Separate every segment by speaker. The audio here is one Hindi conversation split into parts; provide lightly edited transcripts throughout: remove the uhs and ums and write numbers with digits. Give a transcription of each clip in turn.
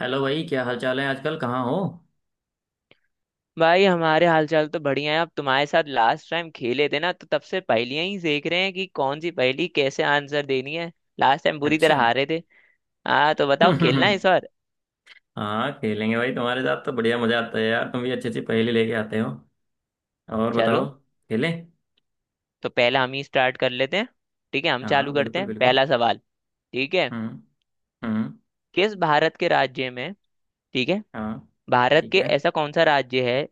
Speaker 1: हेलो भाई, क्या हाल चाल है? आजकल कहाँ हो?
Speaker 2: भाई हमारे हालचाल तो बढ़िया है। अब तुम्हारे साथ लास्ट टाइम खेले थे ना, तो तब से पहेलियां ही देख रहे हैं कि कौन सी पहेली कैसे आंसर देनी है। लास्ट टाइम बुरी तरह
Speaker 1: अच्छा।
Speaker 2: हारे थे। हाँ, तो बताओ, खेलना है इस बार?
Speaker 1: हाँ, खेलेंगे भाई। तुम्हारे साथ तो बढ़िया मजा आता है यार, तुम भी अच्छी अच्छी पहेली लेके आते हो। और बताओ।
Speaker 2: चलो,
Speaker 1: खेलें।
Speaker 2: तो पहला हम ही स्टार्ट कर लेते हैं। ठीक है, हम
Speaker 1: हाँ,
Speaker 2: चालू करते
Speaker 1: बिल्कुल
Speaker 2: हैं
Speaker 1: बिल्कुल।
Speaker 2: पहला सवाल। ठीक है,
Speaker 1: हम्म। हम्म।
Speaker 2: किस भारत के राज्य में। ठीक है,
Speaker 1: हाँ।
Speaker 2: भारत
Speaker 1: ठीक
Speaker 2: के
Speaker 1: है।
Speaker 2: ऐसा कौन सा राज्य है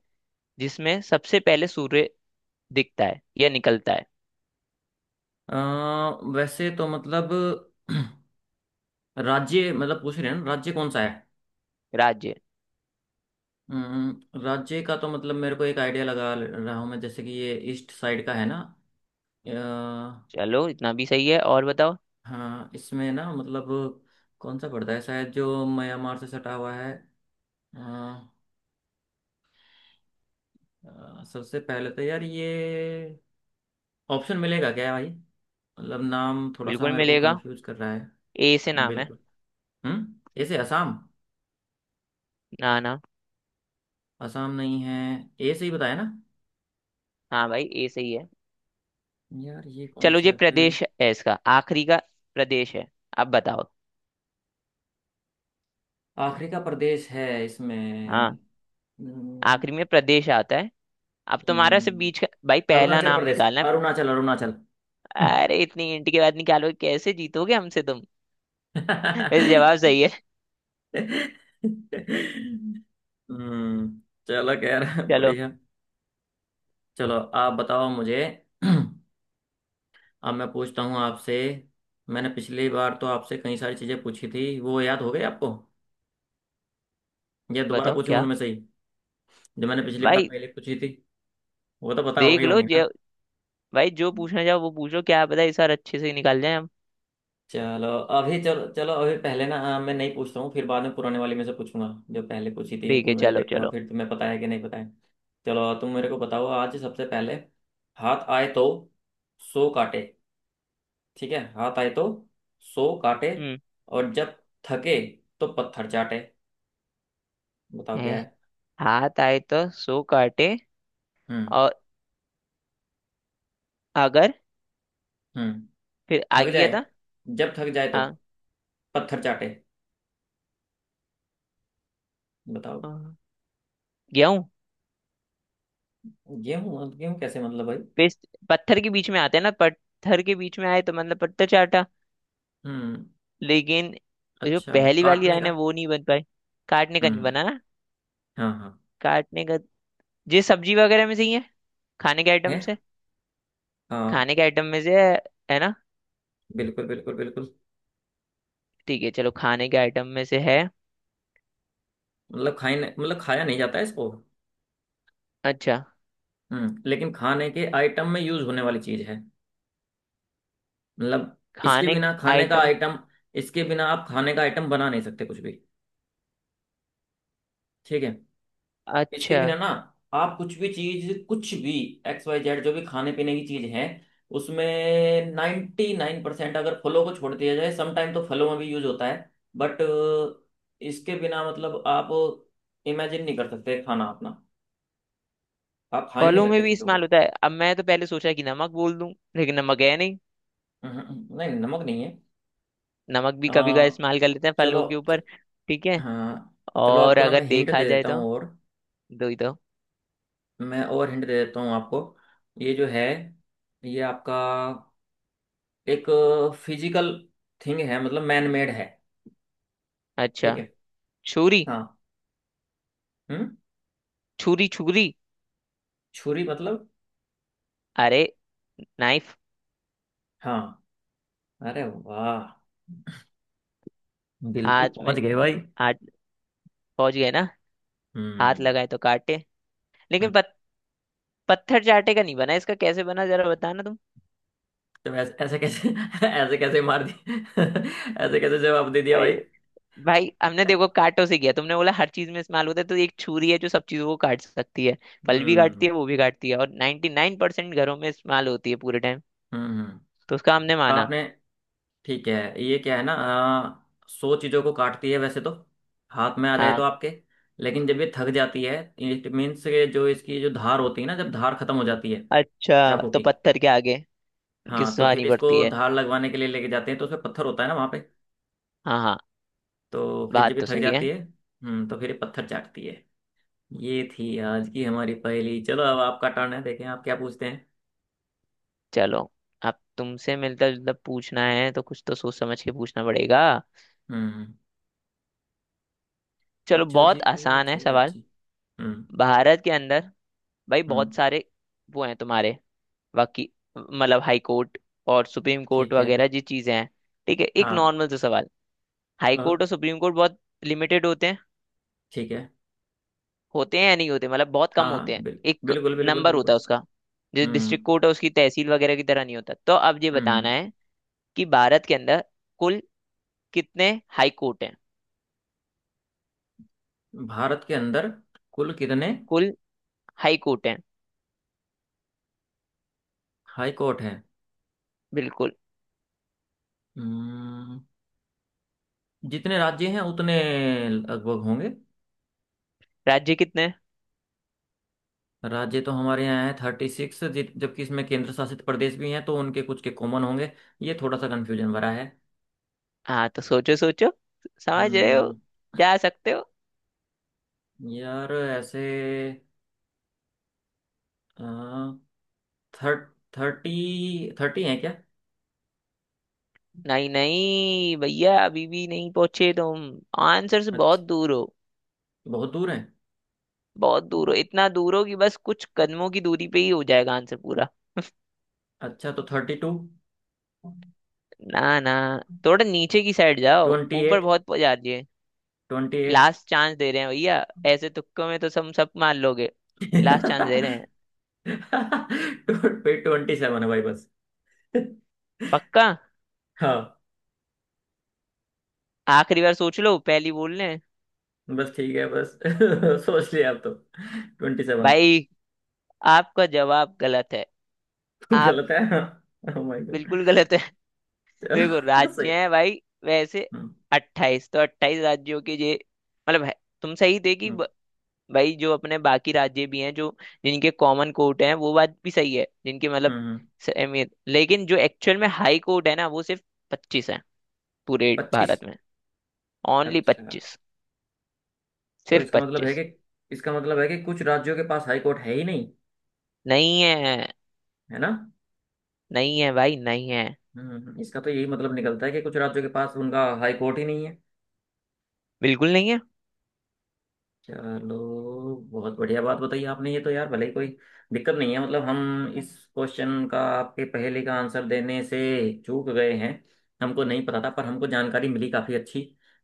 Speaker 2: जिसमें सबसे पहले सूर्य दिखता है या निकलता है?
Speaker 1: अ, वैसे तो मतलब राज्य मतलब पूछ रहे हैं ना, राज्य कौन सा है?
Speaker 2: राज्य।
Speaker 1: राज्य का तो मतलब मेरे को एक आइडिया लगा, ले रहा हूँ मैं, जैसे कि ये ईस्ट साइड का है ना।
Speaker 2: चलो, इतना भी सही है, और बताओ।
Speaker 1: हाँ, इसमें ना मतलब कौन सा पड़ता है, शायद जो म्यांमार से सटा हुआ है। हाँ। सबसे पहले तो यार ये, ऑप्शन मिलेगा क्या भाई? मतलब नाम थोड़ा सा
Speaker 2: बिल्कुल
Speaker 1: मेरे को
Speaker 2: मिलेगा।
Speaker 1: कंफ्यूज कर रहा है।
Speaker 2: ए से नाम है।
Speaker 1: बिल्कुल। हम्म, ऐसे असम।
Speaker 2: ना ना।
Speaker 1: असम नहीं है? ए से ही बताया ना।
Speaker 2: हाँ भाई, ए सही है।
Speaker 1: यार ये कौन
Speaker 2: चलो,
Speaker 1: सा
Speaker 2: ये
Speaker 1: है फिर?
Speaker 2: प्रदेश है, इसका आखिरी का प्रदेश है। अब बताओ।
Speaker 1: आखिरी का प्रदेश है
Speaker 2: हाँ।
Speaker 1: इसमें? हम्म।
Speaker 2: आखिरी में प्रदेश आता है। अब तुम्हारा सिर्फ
Speaker 1: हम्म।
Speaker 2: बीच का भाई पहला
Speaker 1: अरुणाचल
Speaker 2: नाम
Speaker 1: प्रदेश।
Speaker 2: निकालना है।
Speaker 1: अरुणाचल, अरुणाचल।
Speaker 2: अरे, इतनी इंट के बाद निकालो, कैसे जीतोगे हमसे तुम। वैसे जवाब सही है।
Speaker 1: हम्म। चलो खैर,
Speaker 2: चलो।
Speaker 1: बढ़िया। चलो आप बताओ मुझे। अब मैं पूछता हूँ आपसे। मैंने पिछली बार तो आपसे कई सारी चीज़ें पूछी थी, वो याद हो गई आपको, या दोबारा
Speaker 2: बताओ
Speaker 1: पूछूं
Speaker 2: क्या
Speaker 1: उनमें से ही? जो मैंने पिछली बार
Speaker 2: भाई।
Speaker 1: पहले पूछी थी, वो तो पता हो
Speaker 2: देख
Speaker 1: गई
Speaker 2: लो
Speaker 1: होंगी
Speaker 2: जो।
Speaker 1: ना?
Speaker 2: भाई जो पूछना चाहो वो पूछो, क्या पता इस बार अच्छे से निकाल जाए हम।
Speaker 1: चलो अभी, चलो चलो अभी पहले ना, मैं नहीं पूछता हूँ, फिर बाद में पुराने वाले में से पूछूंगा। जो पहले पूछी थी
Speaker 2: ठीक है,
Speaker 1: उनमें से
Speaker 2: चलो
Speaker 1: देखूंगा,
Speaker 2: चलो।
Speaker 1: फिर तुम्हें पता है कि नहीं पता है। चलो तुम मेरे को बताओ आज सबसे पहले। हाथ आए तो सो काटे। ठीक है, हाथ आए तो सो काटे,
Speaker 2: हम्म।
Speaker 1: और जब थके तो पत्थर चाटे। बताओ
Speaker 2: है।
Speaker 1: क्या है।
Speaker 2: हाथ आए तो सो काटे।
Speaker 1: हम्म।
Speaker 2: और अगर
Speaker 1: हम्म।
Speaker 2: फिर
Speaker 1: थक
Speaker 2: आगे क्या
Speaker 1: जाए,
Speaker 2: था।
Speaker 1: जब थक जाए तो
Speaker 2: हाँ।
Speaker 1: पत्थर चाटे। बताओ।
Speaker 2: गेहूं।
Speaker 1: गेहूं? गेहूं कैसे मतलब भाई?
Speaker 2: पेस्ट पत्थर के बीच में आते हैं ना, पत्थर के बीच में आए तो मतलब पत्थर चाटा।
Speaker 1: हम्म,
Speaker 2: लेकिन जो
Speaker 1: अच्छा,
Speaker 2: पहली वाली
Speaker 1: काटने
Speaker 2: लाइन
Speaker 1: का।
Speaker 2: है वो नहीं बन पाई। काटने का नहीं
Speaker 1: हम्म।
Speaker 2: बना ना।
Speaker 1: हाँ, हाँ।
Speaker 2: काटने का। ये सब्जी वगैरह में से ही है। खाने के
Speaker 1: है।
Speaker 2: आइटम से।
Speaker 1: हाँ,
Speaker 2: खाने के आइटम में से है ना।
Speaker 1: बिल्कुल बिल्कुल बिल्कुल।
Speaker 2: ठीक है, चलो खाने के आइटम में से है।
Speaker 1: मतलब खाने मतलब, खाया नहीं जाता है इसको।
Speaker 2: अच्छा।
Speaker 1: हम्म, लेकिन खाने के आइटम में यूज होने वाली चीज है मतलब। इसके
Speaker 2: खाने के
Speaker 1: बिना खाने का
Speaker 2: आइटम।
Speaker 1: आइटम इसके बिना आप खाने का आइटम बना नहीं सकते कुछ भी। ठीक है। इसके
Speaker 2: अच्छा।
Speaker 1: बिना ना, आप कुछ भी चीज, कुछ भी एक्स वाई जेड जो भी खाने पीने की चीज है, उसमें 99%, अगर फलों को छोड़ दिया जाए समटाइम तो फलों में भी यूज होता है। बट इसके बिना मतलब, आप इमेजिन नहीं कर सकते खाना अपना, आप खा ही नहीं
Speaker 2: फलों में
Speaker 1: सकते
Speaker 2: भी
Speaker 1: चीजों
Speaker 2: इस्तेमाल
Speaker 1: को।
Speaker 2: होता है। अब मैं तो पहले सोचा कि नमक बोल दूं, लेकिन नमक है नहीं।
Speaker 1: हम्म। हम्म। नहीं, नमक नहीं है।
Speaker 2: नमक भी
Speaker 1: अ,
Speaker 2: कभी का इस्तेमाल कर लेते हैं
Speaker 1: चलो,
Speaker 2: फलों के
Speaker 1: च,
Speaker 2: ऊपर। ठीक है,
Speaker 1: हाँ, चलो
Speaker 2: और
Speaker 1: आपको ना मैं
Speaker 2: अगर
Speaker 1: हिंट दे
Speaker 2: देखा जाए
Speaker 1: देता
Speaker 2: तो
Speaker 1: हूँ, और
Speaker 2: दो ही तो।
Speaker 1: मैं और हिंट दे देता हूँ आपको। ये जो है, ये आपका एक फिजिकल थिंग है मतलब, मैन मेड है।
Speaker 2: अच्छा।
Speaker 1: ठीक है।
Speaker 2: छुरी
Speaker 1: हाँ। हम्म।
Speaker 2: छुरी छुरी।
Speaker 1: छुरी मतलब?
Speaker 2: अरे, नाइफ।
Speaker 1: हाँ, अरे वाह, बिल्कुल
Speaker 2: हाथ में।
Speaker 1: पहुंच गए भाई।
Speaker 2: हाथ। पहुंच गए ना। हाथ
Speaker 1: हम्म।
Speaker 2: लगाए तो काटे। लेकिन
Speaker 1: हम्म।
Speaker 2: पत्थर चाटे का नहीं बना, इसका कैसे बना जरा बताना तुम।
Speaker 1: तो ऐसे, ऐसे कैसे, ऐसे कैसे मार दी? ऐसे कैसे जवाब दे दिया
Speaker 2: अरे
Speaker 1: भाई?
Speaker 2: भाई, हमने देखो काटों से किया, तुमने बोला हर चीज में इस्तेमाल होता है, तो एक छुरी है जो सब चीजों को काट सकती है। फल भी काटती
Speaker 1: हम्म।
Speaker 2: है, वो भी काटती है, और 99% घरों में इस्तेमाल होती है पूरे टाइम।
Speaker 1: हम्म। हम्म।
Speaker 2: तो उसका हमने
Speaker 1: तो
Speaker 2: माना।
Speaker 1: आपने, ठीक है ये क्या है ना सो चीजों को काटती है वैसे तो, हाथ में आ जाए तो
Speaker 2: हाँ।
Speaker 1: आपके, लेकिन जब ये थक जाती है, इट मीन्स के जो इसकी जो धार होती है ना, जब धार खत्म हो जाती है।
Speaker 2: अच्छा,
Speaker 1: चाकू
Speaker 2: तो
Speaker 1: की।
Speaker 2: पत्थर के आगे
Speaker 1: हाँ, तो फिर
Speaker 2: घिसवानी
Speaker 1: इसको
Speaker 2: पड़ती है।
Speaker 1: धार लगवाने के लिए लेके जाते हैं, तो उसमें पत्थर होता है ना वहाँ पे।
Speaker 2: हाँ हाँ।
Speaker 1: तो फिर जब
Speaker 2: बात
Speaker 1: ये
Speaker 2: तो
Speaker 1: थक
Speaker 2: सही है।
Speaker 1: जाती है तो फिर ये पत्थर चाटती है। ये थी आज की हमारी पहेली। चलो अब आपका टर्न है, देखें आप क्या पूछते हैं।
Speaker 2: चलो, अब तुमसे मिलता जुलता पूछना है, तो कुछ तो सोच समझ के पूछना पड़ेगा।
Speaker 1: हम्म।
Speaker 2: चलो,
Speaker 1: पूछो जी,
Speaker 2: बहुत आसान है
Speaker 1: पूछो
Speaker 2: सवाल।
Speaker 1: जी। हम्म।
Speaker 2: भारत के अंदर भाई बहुत
Speaker 1: हम्म।
Speaker 2: सारे वो हैं तुम्हारे, वकी मतलब हाई कोर्ट और सुप्रीम कोर्ट
Speaker 1: ठीक है।
Speaker 2: वगैरह जी चीजें हैं। ठीक है, एक
Speaker 1: हाँ।
Speaker 2: नॉर्मल सा सवाल। हाई कोर्ट
Speaker 1: हाँ।
Speaker 2: और सुप्रीम कोर्ट बहुत लिमिटेड होते हैं।
Speaker 1: ठीक है।
Speaker 2: होते हैं या नहीं होते, मतलब बहुत कम
Speaker 1: हाँ।
Speaker 2: होते
Speaker 1: हाँ,
Speaker 2: हैं। एक
Speaker 1: बिल्कुल बिल्कुल
Speaker 2: नंबर होता
Speaker 1: बिल्कुल।
Speaker 2: है उसका, जो डिस्ट्रिक्ट
Speaker 1: हम्म।
Speaker 2: कोर्ट है उसकी तहसील वगैरह की तरह नहीं होता। तो अब ये बताना
Speaker 1: हम्म।
Speaker 2: है कि भारत के अंदर कुल कितने हाई कोर्ट हैं।
Speaker 1: भारत के अंदर कुल कितने
Speaker 2: कुल हाई कोर्ट है।
Speaker 1: हाई कोर्ट हैं?
Speaker 2: बिल्कुल।
Speaker 1: हम्म, जितने राज्य हैं उतने लगभग होंगे।
Speaker 2: राज्य कितने हैं?
Speaker 1: राज्य तो हमारे यहाँ है 36, जबकि इसमें केंद्र शासित प्रदेश भी हैं तो उनके कुछ के कॉमन होंगे। ये थोड़ा सा कंफ्यूजन भरा है।
Speaker 2: हाँ, तो सोचो सोचो, समझ रहे हो,
Speaker 1: हम्म।
Speaker 2: जा सकते हो।
Speaker 1: यार ऐसे थर्ट थर्टी थर्टी हैं क्या?
Speaker 2: नहीं नहीं भैया, अभी भी नहीं पहुंचे तुम। आंसर से बहुत
Speaker 1: अच्छा,
Speaker 2: दूर हो।
Speaker 1: बहुत दूर है?
Speaker 2: बहुत दूर हो, इतना दूर हो कि बस कुछ कदमों की दूरी पे ही हो जाएगा आंसर पूरा।
Speaker 1: अच्छा तो 32।
Speaker 2: ना ना, थोड़ा नीचे की साइड जाओ,
Speaker 1: ट्वेंटी
Speaker 2: ऊपर
Speaker 1: एट
Speaker 2: बहुत जा रही है।
Speaker 1: 28।
Speaker 2: लास्ट चांस दे रहे हैं भैया, ऐसे तुक्कों में तो सब सब मान लोगे। लास्ट चांस दे रहे हैं।
Speaker 1: 27 है भाई बस।
Speaker 2: पक्का?
Speaker 1: हाँ।
Speaker 2: आखिरी बार सोच लो, पहली बोल रहे हैं।
Speaker 1: बस ठीक है बस, सोच लिया आप तो। 27।
Speaker 2: भाई, आपका जवाब गलत है। आप
Speaker 1: गलत है? Oh my God.
Speaker 2: बिल्कुल गलत है। देखो,
Speaker 1: चलो सही।
Speaker 2: राज्य हैं भाई वैसे
Speaker 1: हम्म।
Speaker 2: 28, तो 28 राज्यों के ये मतलब है। तुम सही थे कि
Speaker 1: हम्म।
Speaker 2: भाई, जो अपने बाकी राज्य भी हैं, जो जिनके कॉमन कोर्ट हैं वो बात भी सही है। जिनके मतलब
Speaker 1: हम्म। हम्म।
Speaker 2: अहमियत। लेकिन जो एक्चुअल में हाई कोर्ट है ना, वो सिर्फ 25 है पूरे
Speaker 1: 25?
Speaker 2: भारत में। ओनली
Speaker 1: अच्छा।
Speaker 2: 25।
Speaker 1: तो
Speaker 2: सिर्फ
Speaker 1: इसका मतलब है
Speaker 2: 25।
Speaker 1: कि इसका मतलब है कि कुछ राज्यों के पास हाई कोर्ट है ही नहीं,
Speaker 2: नहीं है,
Speaker 1: है ना?
Speaker 2: नहीं है भाई नहीं है।
Speaker 1: हम्म। हम्म। हम्म। इसका तो यही मतलब निकलता है कि कुछ राज्यों के पास उनका हाई कोर्ट ही नहीं है।
Speaker 2: बिल्कुल नहीं है।
Speaker 1: चलो बहुत बढ़िया बात बताई आपने ये तो यार, भले ही कोई दिक्कत नहीं है मतलब, हम इस क्वेश्चन का आपके पहले का आंसर देने से चूक गए हैं। हमको नहीं पता था, पर हमको जानकारी मिली काफ़ी अच्छी,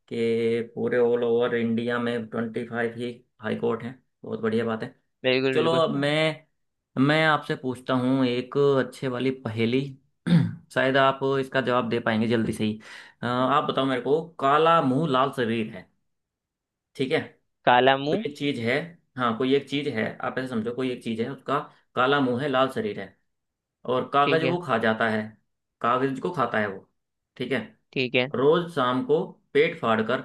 Speaker 1: कि पूरे ऑल ओवर इंडिया में 25 ही हाई कोर्ट हैं। बहुत बढ़िया बात है।
Speaker 2: बिल्कुल
Speaker 1: चलो
Speaker 2: बिल्कुल।
Speaker 1: अब मैं आपसे पूछता हूँ एक अच्छे वाली पहेली। शायद आप इसका जवाब दे पाएंगे जल्दी से ही। आप बताओ मेरे को, काला मुंह लाल शरीर है, ठीक है।
Speaker 2: काला
Speaker 1: कोई
Speaker 2: मुंह।
Speaker 1: एक चीज है। हाँ, कोई एक चीज है, आप ऐसे समझो कोई एक चीज है, उसका काला मुंह है, लाल शरीर है, और कागज
Speaker 2: ठीक
Speaker 1: वो
Speaker 2: है।
Speaker 1: खा जाता है। कागज को खाता है वो। ठीक है।
Speaker 2: ठीक है।
Speaker 1: रोज शाम को पेट फाड़कर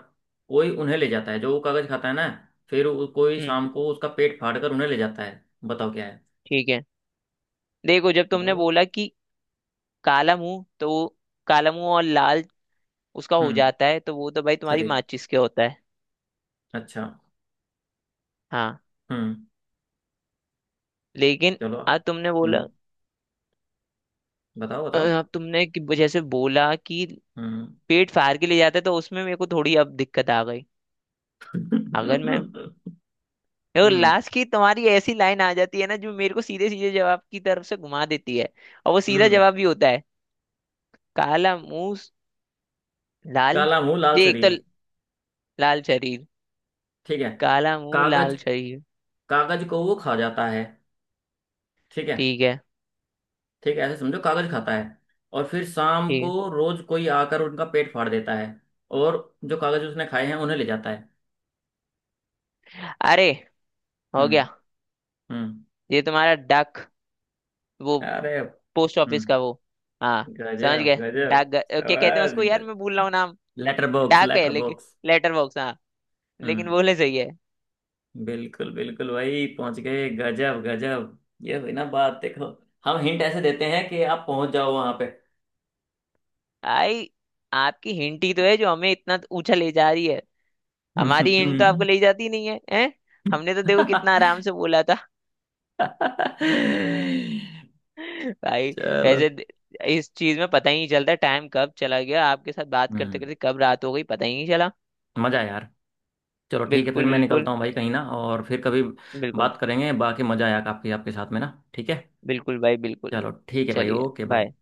Speaker 1: कोई उन्हें ले जाता है, जो वो कागज खाता है ना। फिर कोई
Speaker 2: हम्म।
Speaker 1: शाम को उसका पेट फाड़कर उन्हें ले जाता है। बताओ क्या है।
Speaker 2: ठीक है, देखो जब तुमने
Speaker 1: बताओ बस।
Speaker 2: बोला कि काला मुंह, तो वो काला मुंह और लाल उसका हो
Speaker 1: हम्म।
Speaker 2: जाता है, तो वो तो भाई तुम्हारी
Speaker 1: शरीर।
Speaker 2: माचिस के होता है।
Speaker 1: अच्छा।
Speaker 2: हाँ।
Speaker 1: हम्म।
Speaker 2: लेकिन
Speaker 1: चलो।
Speaker 2: अब तुमने बोला
Speaker 1: हम्म। बताओ बताओ।
Speaker 2: अब तुमने कि जैसे बोला कि
Speaker 1: हम्म।
Speaker 2: पेट फाड़ के ले जाते, तो उसमें मेरे को थोड़ी अब दिक्कत आ गई। अगर मैं, और
Speaker 1: हम्म।
Speaker 2: लास्ट की तुम्हारी ऐसी लाइन आ जाती है ना, जो मेरे को सीधे सीधे जवाब की तरफ से घुमा देती है, और वो सीधा
Speaker 1: हम्म।
Speaker 2: जवाब भी होता है। काला मुंह, लाल।
Speaker 1: काला मुंह लाल
Speaker 2: ये एक तो
Speaker 1: शरीर?
Speaker 2: लाल शरीर।
Speaker 1: ठीक है।
Speaker 2: काला मुंह
Speaker 1: कागज?
Speaker 2: लाल शरीर।
Speaker 1: कागज को वो खा जाता है। ठीक है।
Speaker 2: ठीक है।
Speaker 1: ठीक है, ऐसे समझो कागज खाता है, और फिर शाम को
Speaker 2: ठीक
Speaker 1: रोज कोई आकर उनका पेट फाड़ देता है, और जो कागज उसने खाए हैं उन्हें ले जाता है।
Speaker 2: है। अरे, हो
Speaker 1: हम्म।
Speaker 2: गया।
Speaker 1: हम्म।
Speaker 2: ये तुम्हारा डक वो
Speaker 1: अरे।
Speaker 2: पोस्ट ऑफिस
Speaker 1: हम्म।
Speaker 2: का वो। हाँ। समझ
Speaker 1: गजब
Speaker 2: गए।
Speaker 1: गजब।
Speaker 2: डाक क्या कहते हैं उसको,
Speaker 1: समझ
Speaker 2: यार
Speaker 1: गज
Speaker 2: मैं भूल रहा हूँ नाम।
Speaker 1: लेटर बॉक्स,
Speaker 2: डाक है
Speaker 1: लेटर
Speaker 2: लेकिन।
Speaker 1: बॉक्स।
Speaker 2: Letter box. हाँ, लेकिन
Speaker 1: हम्म।
Speaker 2: बोले सही है।
Speaker 1: बिल्कुल बिल्कुल भाई, पहुंच गए, गजब गजब। ये हुई ना बात, देखो। हम हिंट ऐसे देते हैं कि आप पहुंच जाओ वहां पे।
Speaker 2: आई, आपकी हिंट ही तो है जो हमें इतना ऊंचा ले जा रही है। हमारी हिंट तो आपको ले जाती नहीं है, हैं? हमने तो देखो कितना आराम से बोला था। भाई,
Speaker 1: चलो।
Speaker 2: वैसे इस चीज में पता ही नहीं चलता, टाइम कब चला गया, आपके साथ बात करते
Speaker 1: हम्म।
Speaker 2: करते कब रात हो गई पता ही नहीं चला।
Speaker 1: मजा आया यार। चलो ठीक है फिर,
Speaker 2: बिल्कुल
Speaker 1: मैं
Speaker 2: बिल्कुल।
Speaker 1: निकलता हूँ भाई कहीं ना, और फिर कभी
Speaker 2: बिल्कुल।
Speaker 1: बात करेंगे। बाकी मजा आया काफी आपके साथ में ना, ठीक है।
Speaker 2: बिल्कुल भाई बिल्कुल।
Speaker 1: चलो ठीक है भाई,
Speaker 2: चलिए,
Speaker 1: ओके बाय।
Speaker 2: बाय।